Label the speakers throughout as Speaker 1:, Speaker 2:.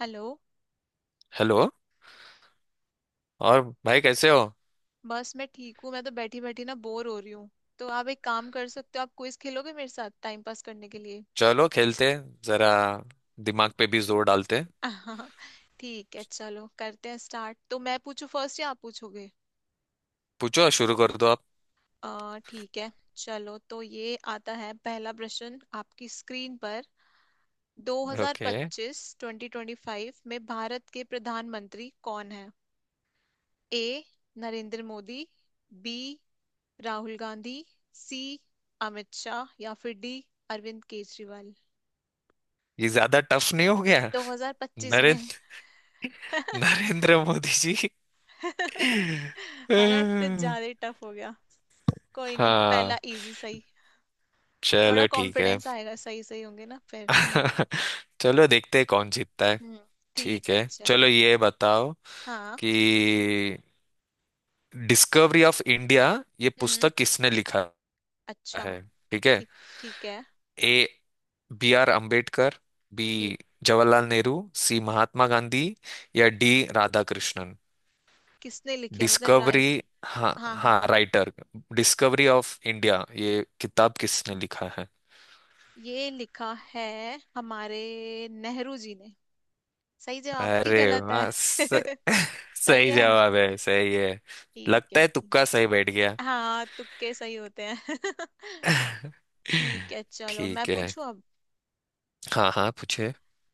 Speaker 1: Hello.
Speaker 2: Hello. और भाई कैसे हो?
Speaker 1: बस मैं ठीक हूँ, मैं तो बैठी बैठी ना बोर हो रही हूँ। तो आप एक काम कर सकते हो, आप क्विज खेलोगे मेरे साथ टाइम पास करने के लिए?
Speaker 2: चलो खेलते हैं, जरा दिमाग पे भी जोर डालते हैं।
Speaker 1: ठीक है, चलो करते हैं स्टार्ट। तो मैं पूछू फर्स्ट या आप पूछोगे?
Speaker 2: पूछो, शुरू कर दो आप।
Speaker 1: ठीक है। चलो, तो ये आता है पहला प्रश्न आपकी स्क्रीन पर।
Speaker 2: ओके।
Speaker 1: 2025-2025 में भारत के प्रधानमंत्री कौन है? A, Narendra Modi. B, Rahul Gandhi. C, Amit Shah. या फिर डी, अरविंद केजरीवाल।
Speaker 2: ये ज्यादा टफ नहीं हो गया?
Speaker 1: 2025 में।
Speaker 2: नरेंद्र
Speaker 1: है
Speaker 2: नरेंद्र मोदी जी।
Speaker 1: ना, कुछ ज्यादा ही टफ हो गया। कोई नहीं, पहला
Speaker 2: हाँ,
Speaker 1: इजी सही। थोड़ा
Speaker 2: चलो ठीक है।
Speaker 1: कॉन्फिडेंस आएगा, सही सही होंगे ना फिर। हम्म।
Speaker 2: चलो देखते हैं कौन जीतता है।
Speaker 1: हम्म,
Speaker 2: ठीक
Speaker 1: ठीक है
Speaker 2: है,
Speaker 1: चलो।
Speaker 2: चलो ये बताओ
Speaker 1: हाँ।
Speaker 2: कि डिस्कवरी ऑफ इंडिया ये
Speaker 1: हम्म,
Speaker 2: पुस्तक किसने लिखा
Speaker 1: अच्छा।
Speaker 2: है। ठीक है।
Speaker 1: ठीक। ठीक है।
Speaker 2: A B R Ambedkar, B
Speaker 1: ठीक।
Speaker 2: जवाहरलाल नेहरू, सी महात्मा गांधी या डी राधाकृष्णन।
Speaker 1: किसने लिखी है मतलब, राइट?
Speaker 2: डिस्कवरी, हाँ।
Speaker 1: हाँ
Speaker 2: हाँ,
Speaker 1: हाँ,
Speaker 2: राइटर। डिस्कवरी ऑफ इंडिया ये किताब किसने लिखा है?
Speaker 1: ये लिखा है हमारे नेहरू जी ने। सही जवाब की
Speaker 2: अरे
Speaker 1: गलत है?
Speaker 2: वाह
Speaker 1: सही
Speaker 2: सही
Speaker 1: है।
Speaker 2: जवाब है, सही है।
Speaker 1: ठीक
Speaker 2: लगता
Speaker 1: है
Speaker 2: है
Speaker 1: ठीक।
Speaker 2: तुक्का सही बैठ गया।
Speaker 1: हाँ, तुक्के सही होते हैं। ठीक है, चलो मैं
Speaker 2: ठीक है।
Speaker 1: पूछूं अब।
Speaker 2: हाँ हाँ, पूछे।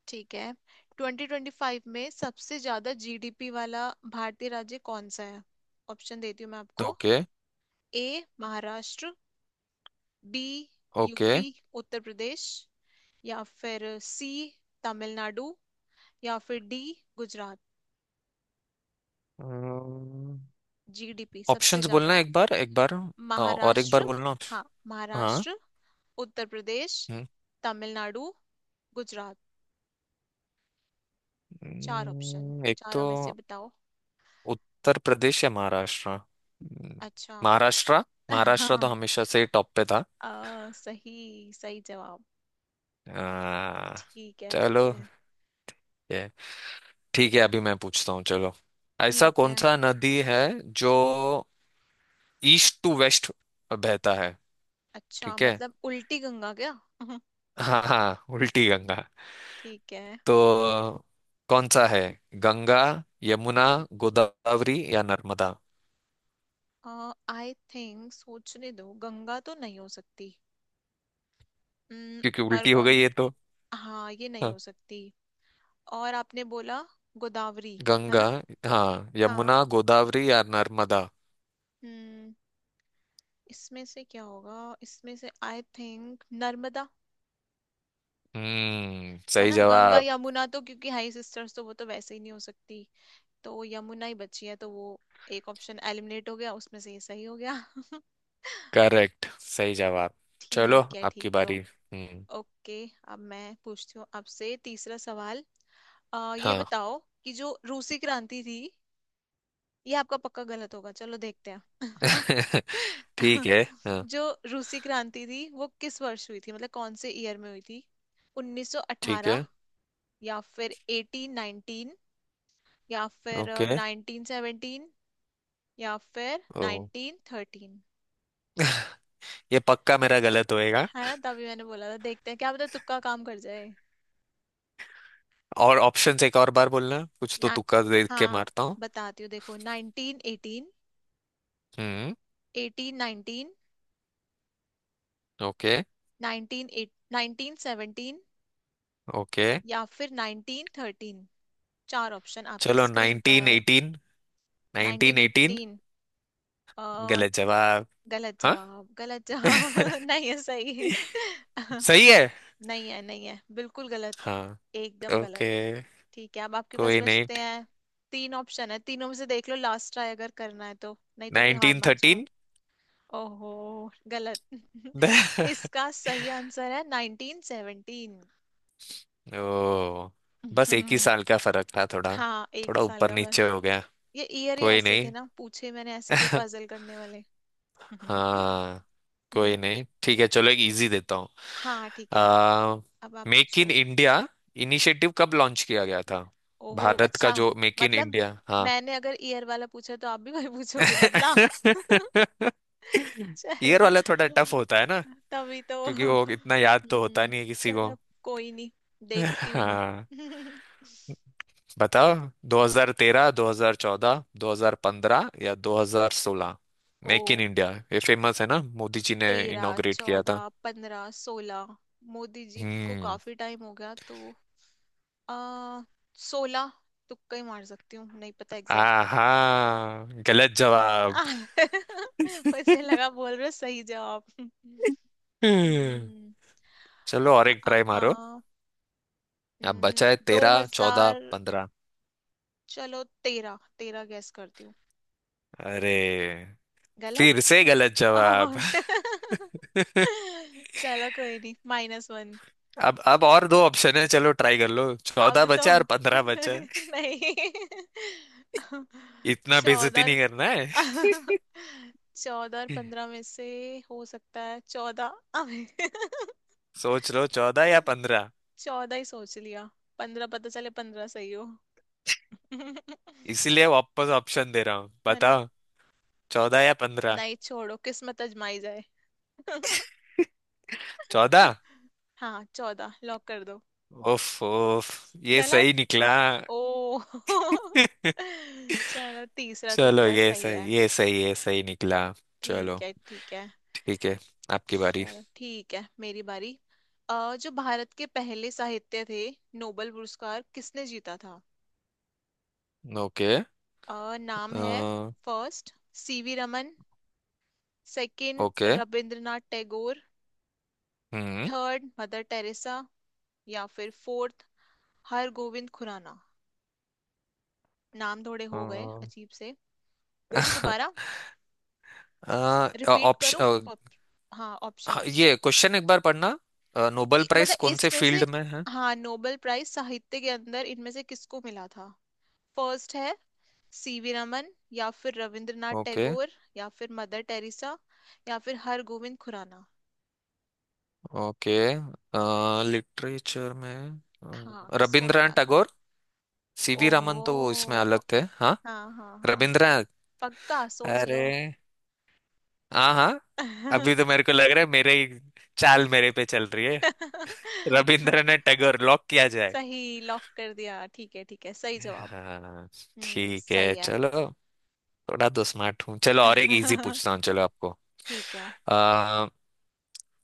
Speaker 1: ठीक है। 2025 में सबसे ज्यादा जीडीपी वाला भारतीय राज्य कौन सा है? ऑप्शन देती हूँ मैं आपको।
Speaker 2: Okay.
Speaker 1: A, Maharashtra. B,
Speaker 2: okay,
Speaker 1: UP, Uttar Pradesh. या फिर सी, तमिलनाडु। या फिर डी, गुजरात। जीडीपी सबसे
Speaker 2: ऑप्शंस
Speaker 1: ज्यादा।
Speaker 2: बोलना एक बार एक बार। और एक बार
Speaker 1: महाराष्ट्र,
Speaker 2: बोलना
Speaker 1: हाँ
Speaker 2: हाँ।
Speaker 1: महाराष्ट्र, उत्तर प्रदेश,
Speaker 2: हम्म,
Speaker 1: तमिलनाडु, गुजरात। चार ऑप्शन,
Speaker 2: एक तो
Speaker 1: चारों में से बताओ।
Speaker 2: उत्तर प्रदेश या महाराष्ट्र।
Speaker 1: अच्छा।
Speaker 2: महाराष्ट्र। महाराष्ट्र तो हमेशा से टॉप पे था।
Speaker 1: सही सही जवाब।
Speaker 2: आ,
Speaker 1: ठीक है ठीक
Speaker 2: चलो
Speaker 1: है
Speaker 2: ये ठीक है, अभी मैं पूछता हूँ। चलो, ऐसा
Speaker 1: ठीक
Speaker 2: कौन
Speaker 1: है।
Speaker 2: सा नदी है जो ईस्ट टू वेस्ट बहता है?
Speaker 1: अच्छा
Speaker 2: ठीक है।
Speaker 1: मतलब उल्टी गंगा क्या?
Speaker 2: हाँ हाँ, उल्टी गंगा
Speaker 1: ठीक है।
Speaker 2: तो। कौन सा है? गंगा, यमुना, गोदावरी या नर्मदा।
Speaker 1: आई थिंक सोचने दो, गंगा तो नहीं हो सकती। हम्म,
Speaker 2: क्योंकि
Speaker 1: और
Speaker 2: उल्टी हो गई ये तो।
Speaker 1: हाँ, ये नहीं
Speaker 2: हाँ।
Speaker 1: हो सकती। और आपने बोला गोदावरी, है
Speaker 2: गंगा।
Speaker 1: ना?
Speaker 2: हाँ,
Speaker 1: हाँ।
Speaker 2: यमुना गोदावरी या नर्मदा।
Speaker 1: हम्म, इसमें से क्या होगा? इसमें से आई थिंक नर्मदा। है
Speaker 2: सही
Speaker 1: ना, गंगा
Speaker 2: जवाब।
Speaker 1: यमुना तो क्योंकि हाई सिस्टर्स, तो वो तो वैसे ही नहीं हो सकती। तो वो यमुना ही बची है, तो वो एक ऑप्शन एलिमिनेट हो गया, उसमें से ये सही हो गया।
Speaker 2: करेक्ट, सही जवाब। चलो
Speaker 1: ठीक है
Speaker 2: आपकी
Speaker 1: ठीक है।
Speaker 2: बारी। हम्म।
Speaker 1: ओके, अब मैं पूछती हूँ आपसे तीसरा सवाल। ये
Speaker 2: हाँ।
Speaker 1: बताओ कि जो रूसी क्रांति थी, ये आपका पक्का गलत होगा, चलो देखते हैं।
Speaker 2: ठीक है। हाँ,
Speaker 1: जो रूसी क्रांति थी वो किस वर्ष हुई थी, मतलब कौन से ईयर में हुई थी?
Speaker 2: ठीक
Speaker 1: 1918,
Speaker 2: है।
Speaker 1: या फिर 1819, या फिर
Speaker 2: ओके।
Speaker 1: नाइनटीन सेवनटीन, या फिर
Speaker 2: ओ,
Speaker 1: नाइनटीन थर्टीन।
Speaker 2: ये पक्का मेरा गलत होएगा।
Speaker 1: है ना, तभी मैंने बोला था देखते हैं, क्या पता तुक्का काम कर जाए।
Speaker 2: और ऑप्शंस एक और बार बोलना, कुछ तो
Speaker 1: ना।
Speaker 2: तुक्का देख के
Speaker 1: हाँ,
Speaker 2: मारता हूँ।
Speaker 1: बताती हूँ देखो। नाइनटीन एटीन,
Speaker 2: हम्म।
Speaker 1: Eighteen nineteen,
Speaker 2: okay.
Speaker 1: Nineteen eight nineteen seventeen,
Speaker 2: okay,
Speaker 1: या फिर नाइनटीन थर्टीन। चार ऑप्शन आपकी
Speaker 2: चलो
Speaker 1: स्क्रीन
Speaker 2: नाइनटीन
Speaker 1: पर।
Speaker 2: Eighteen nineteen
Speaker 1: nineteen
Speaker 2: eighteen
Speaker 1: eighteen?
Speaker 2: गलत जवाब?
Speaker 1: गलत
Speaker 2: हाँ।
Speaker 1: जवाब। गलत जवाब। नहीं है, सही है?
Speaker 2: सही है।
Speaker 1: नहीं है, नहीं है, बिल्कुल गलत।
Speaker 2: हाँ।
Speaker 1: एकदम गलत।
Speaker 2: ओके,
Speaker 1: ठीक है, अब आपके पास
Speaker 2: कोई नहीं।
Speaker 1: बचते हैं तीन ऑप्शन, है तीनों में से देख लो, लास्ट ट्राई अगर करना है तो, नहीं तो फिर हार मान जाओ।
Speaker 2: 1913।
Speaker 1: ओहो, गलत। इसका सही आंसर है 1917।
Speaker 2: ओ, बस एक ही साल का फर्क था, थोड़ा।
Speaker 1: हाँ, एक ही
Speaker 2: थोड़ा
Speaker 1: साल
Speaker 2: ऊपर
Speaker 1: का फर्क।
Speaker 2: नीचे हो गया।
Speaker 1: ये ईयर ही
Speaker 2: कोई
Speaker 1: ऐसे
Speaker 2: नहीं।
Speaker 1: थे ना, पूछे मैंने ऐसे थे पजल करने वाले। हम्म।
Speaker 2: हाँ। कोई नहीं, ठीक है। चलो एक इजी देता हूँ।
Speaker 1: हाँ, ठीक है,
Speaker 2: आ
Speaker 1: अब आप
Speaker 2: मेक इन
Speaker 1: पूछो।
Speaker 2: इंडिया इनिशिएटिव कब लॉन्च किया गया था?
Speaker 1: ओहो,
Speaker 2: भारत
Speaker 1: अच्छा,
Speaker 2: का जो मेक इन
Speaker 1: मतलब
Speaker 2: इंडिया। हाँ।
Speaker 1: मैंने अगर ईयर वाला पूछा तो आप भी वही पूछोगे, बदला।
Speaker 2: ईयर
Speaker 1: चलो,
Speaker 2: वाला थोड़ा टफ होता है ना,
Speaker 1: तभी तो।
Speaker 2: क्योंकि वो इतना याद तो होता
Speaker 1: हम्म,
Speaker 2: नहीं है किसी को।
Speaker 1: चलो कोई नहीं, देखती हूँ मैं।
Speaker 2: हाँ, बताओ। 2013, 2014, 2015 या 2016।
Speaker 1: ओ,
Speaker 2: मेक इन इंडिया ये फेमस है ना, मोदी जी ने
Speaker 1: तेरह
Speaker 2: इनॉग्रेट किया
Speaker 1: चौदह
Speaker 2: था।
Speaker 1: पंद्रह सोलह। मोदी जी को
Speaker 2: हम्म।
Speaker 1: काफी टाइम हो गया तो आ सोलह। तुक्का ही मार सकती हूँ, नहीं पता एग्जैक्ट।
Speaker 2: आहा, गलत जवाब।
Speaker 1: मुझे लगा बोल रहे हो सही जवाब।
Speaker 2: हम्म,
Speaker 1: हम्म,
Speaker 2: चलो और
Speaker 1: आ,
Speaker 2: एक
Speaker 1: आ,
Speaker 2: ट्राई मारो।
Speaker 1: आ,
Speaker 2: अब
Speaker 1: हम्म,
Speaker 2: बचा है 13, 14,
Speaker 1: 2000।
Speaker 2: 15।
Speaker 1: चलो तेरह तेरह गैस करती हूँ।
Speaker 2: अरे,
Speaker 1: गलत?
Speaker 2: फिर से गलत जवाब।
Speaker 1: और। चलो कोई नहीं, माइनस वन।
Speaker 2: अब और दो ऑप्शन है, चलो ट्राई कर लो। चौदह
Speaker 1: अब तो
Speaker 2: बचा है और पंद्रह बचा है।
Speaker 1: नहीं।
Speaker 2: इतना
Speaker 1: चौदह
Speaker 2: बेइज्जती
Speaker 1: और।
Speaker 2: नहीं करना है।
Speaker 1: चौदह और पंद्रह में से, हो सकता है चौदह। अबे।
Speaker 2: सोच लो, चौदह या पंद्रह।
Speaker 1: चौदह ही सोच लिया, पंद्रह पता चले पंद्रह सही हो।
Speaker 2: इसीलिए वापस ऑप्शन दे रहा हूँ,
Speaker 1: है ना?
Speaker 2: बताओ। चौदह या पंद्रह।
Speaker 1: नहीं, छोड़ो, किस्मत आजमाई जाए।
Speaker 2: चौदह।
Speaker 1: हाँ, चौदह लॉक कर दो।
Speaker 2: उफ उफ, ये
Speaker 1: गलत?
Speaker 2: सही निकला।
Speaker 1: ओ। चलो, तीसरा
Speaker 2: चलो,
Speaker 1: तुक्का
Speaker 2: ये
Speaker 1: सही है।
Speaker 2: सही, ये सही, ये सही निकला। चलो
Speaker 1: ठीक है ठीक है।
Speaker 2: ठीक है, आपकी बारी।
Speaker 1: चलो ठीक है, मेरी बारी। जो भारत के पहले साहित्य थे, नोबेल पुरस्कार किसने जीता था?
Speaker 2: ओके।
Speaker 1: नाम है।
Speaker 2: अ,
Speaker 1: first, CV Raman.
Speaker 2: Okay.
Speaker 1: Second, Rabindranath Tagore.
Speaker 2: हम्म
Speaker 1: थर्ड, मदर टेरेसा। या फिर फोर्थ, हरगोविंद खुराना। नाम थोड़े हो गए अजीब से, बोलो दोबारा, रिपीट करूं?
Speaker 2: ऑप्शन।
Speaker 1: ऑप- हाँ, ऑप्शंस।
Speaker 2: ये क्वेश्चन एक बार पढ़ना। नोबेल प्राइज
Speaker 1: मतलब
Speaker 2: कौन से
Speaker 1: इसमें से,
Speaker 2: फील्ड में है?
Speaker 1: हाँ, नोबेल प्राइज साहित्य के अंदर इनमें से किसको मिला था? फर्स्ट है सीवी रमन, या फिर रविंद्रनाथ
Speaker 2: ओके।
Speaker 1: टैगोर, या फिर मदर टेरेसा, या फिर हरगोविंद खुराना।
Speaker 2: ओके, लिटरेचर में।
Speaker 1: हाँ, किसको
Speaker 2: रविंद्रनाथ
Speaker 1: मिला था?
Speaker 2: टैगोर। सीवी
Speaker 1: ओहो,
Speaker 2: रामन तो वो इसमें
Speaker 1: ओ,
Speaker 2: अलग
Speaker 1: ओ,
Speaker 2: थे। हाँ,
Speaker 1: हाँ हाँ हाँ,
Speaker 2: रविंद्रनाथ।
Speaker 1: पक्का सोच
Speaker 2: अरे,
Speaker 1: लो।
Speaker 2: हाँ हाँ। अभी तो मेरे को लग रहा है मेरे ही चाल मेरे पे चल रही है। रविंद्रनाथ टैगोर लॉक किया जाए।
Speaker 1: सही लॉक कर दिया, ठीक है ठीक है, सही जवाब।
Speaker 2: हाँ,
Speaker 1: हम्म,
Speaker 2: ठीक है,
Speaker 1: सही है।
Speaker 2: चलो। थोड़ा तो स्मार्ट हूँ। चलो और एक इजी पूछता हूँ, चलो आपको।
Speaker 1: ठीक है
Speaker 2: आ,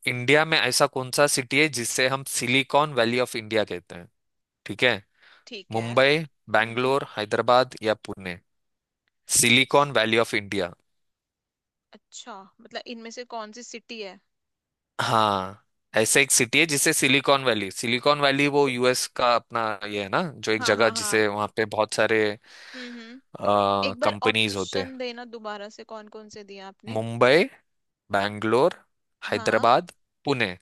Speaker 2: इंडिया में ऐसा कौन सा सिटी है जिसे हम सिलिकॉन वैली ऑफ इंडिया कहते हैं? ठीक है।
Speaker 1: ठीक है।
Speaker 2: मुंबई,
Speaker 1: हम्म,
Speaker 2: बैंगलोर, हैदराबाद या Pune. Silicon Valley of India.
Speaker 1: अच्छा, मतलब इनमें से कौन सी सिटी है?
Speaker 2: हाँ, ऐसे एक सिटी है जिसे सिलिकॉन वैली। सिलिकॉन वैली वो यूएस का अपना ये है ना, जो एक
Speaker 1: हाँ
Speaker 2: जगह
Speaker 1: हाँ हाँ।
Speaker 2: जिसे वहाँ पे बहुत सारे
Speaker 1: हम्म। एक बार
Speaker 2: कंपनीज होते हैं।
Speaker 1: ऑप्शन देना दोबारा से, कौन कौन से दिया आपने?
Speaker 2: मुंबई, बैंगलोर,
Speaker 1: हाँ।
Speaker 2: हैदराबाद, पुणे।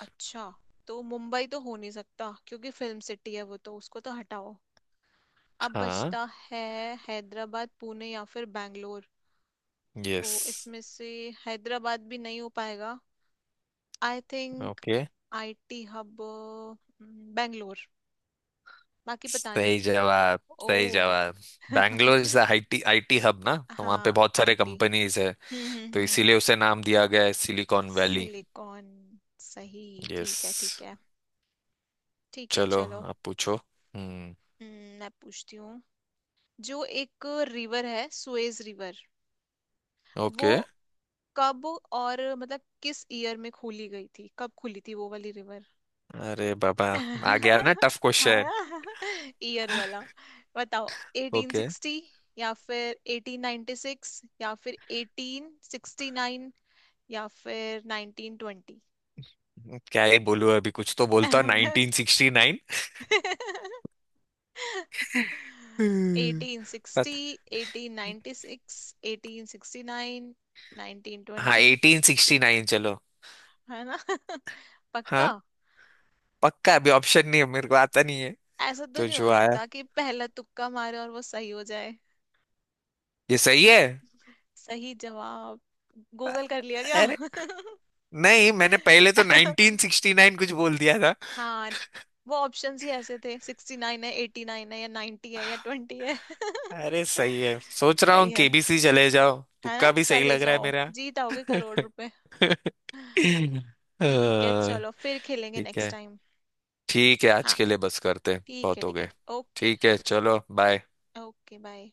Speaker 1: अच्छा, तो मुंबई तो हो नहीं सकता क्योंकि फिल्म सिटी है वो, तो उसको तो हटाओ, अब
Speaker 2: हाँ।
Speaker 1: बचता है हैदराबाद, पुणे या फिर बैंगलोर। तो
Speaker 2: यस।
Speaker 1: इसमें से हैदराबाद भी नहीं हो पाएगा, I think.
Speaker 2: Okay,
Speaker 1: IT hub. Bangalore, बाकी पता नहीं।
Speaker 2: सही जवाब। सही
Speaker 1: ओ।
Speaker 2: जवाब। Bangalore is IT IT hub ना, तो वहाँ
Speaker 1: हाँ,
Speaker 2: पे बहुत सारे
Speaker 1: आईटी।
Speaker 2: कंपनीज है। तो
Speaker 1: हम्म।
Speaker 2: इसीलिए उसे नाम दिया गया है सिलिकॉन वैली।
Speaker 1: सिलिकॉन, सही।
Speaker 2: यस।
Speaker 1: ठीक है ठीक है ठीक है
Speaker 2: चलो
Speaker 1: चलो।
Speaker 2: आप पूछो। हम्म।
Speaker 1: हम्म, मैं पूछती हूँ। जो एक रिवर है, सुएज रिवर, वो
Speaker 2: ओके।
Speaker 1: कब और मतलब किस ईयर में खोली गई थी, कब खुली थी वो वाली रिवर?
Speaker 2: अरे बाबा, आ गया ना टफ क्वेश्चन।
Speaker 1: ईयर वाला बताओ।
Speaker 2: ओके।
Speaker 1: 1860, या फिर 1896, या फिर 1869, या फिर 1920।
Speaker 2: क्या ही बोलूं? अभी कुछ तो बोलता, 1969। हम्म,
Speaker 1: एटीन सिक्सटी,
Speaker 2: पत
Speaker 1: eighteen ninety six, eighteen sixty nine, nineteen
Speaker 2: हाँ,
Speaker 1: ट्वेंटी।
Speaker 2: 1869 चलो।
Speaker 1: है ना? पक्का?
Speaker 2: हाँ, पक्का अभी ऑप्शन नहीं है मेरे को, आता नहीं है।
Speaker 1: ऐसा तो
Speaker 2: तो
Speaker 1: नहीं हो
Speaker 2: जो आया
Speaker 1: सकता कि पहला तुक्का मारे और वो सही हो जाए।
Speaker 2: ये सही है।
Speaker 1: सही जवाब? गूगल कर लिया क्या?
Speaker 2: अरे, नहीं मैंने पहले तो नाइनटीन सिक्सटी नाइन कुछ बोल दिया था।
Speaker 1: हाँ, वो ऑप्शंस ही ऐसे थे, सिक्सटी नाइन है, एटी नाइन है, या नाइन्टी है, या ट्वेंटी है।
Speaker 2: अरे सही है, सोच रहा
Speaker 1: सही
Speaker 2: हूँ
Speaker 1: है।
Speaker 2: केबीसी चले जाओ,
Speaker 1: है ना,
Speaker 2: तुक्का भी सही
Speaker 1: चले
Speaker 2: लग रहा है
Speaker 1: जाओ,
Speaker 2: मेरा।
Speaker 1: जीत आओगे करोड़ रुपए।
Speaker 2: अ,
Speaker 1: ठीक है, चलो फिर खेलेंगे
Speaker 2: ठीक
Speaker 1: नेक्स्ट
Speaker 2: है।
Speaker 1: टाइम।
Speaker 2: ठीक है, आज
Speaker 1: हाँ
Speaker 2: के लिए बस करते हैं,
Speaker 1: ठीक है
Speaker 2: बहुत हो
Speaker 1: ठीक है।
Speaker 2: गए।
Speaker 1: ओके।
Speaker 2: ठीक है, चलो बाय।
Speaker 1: Okay bye.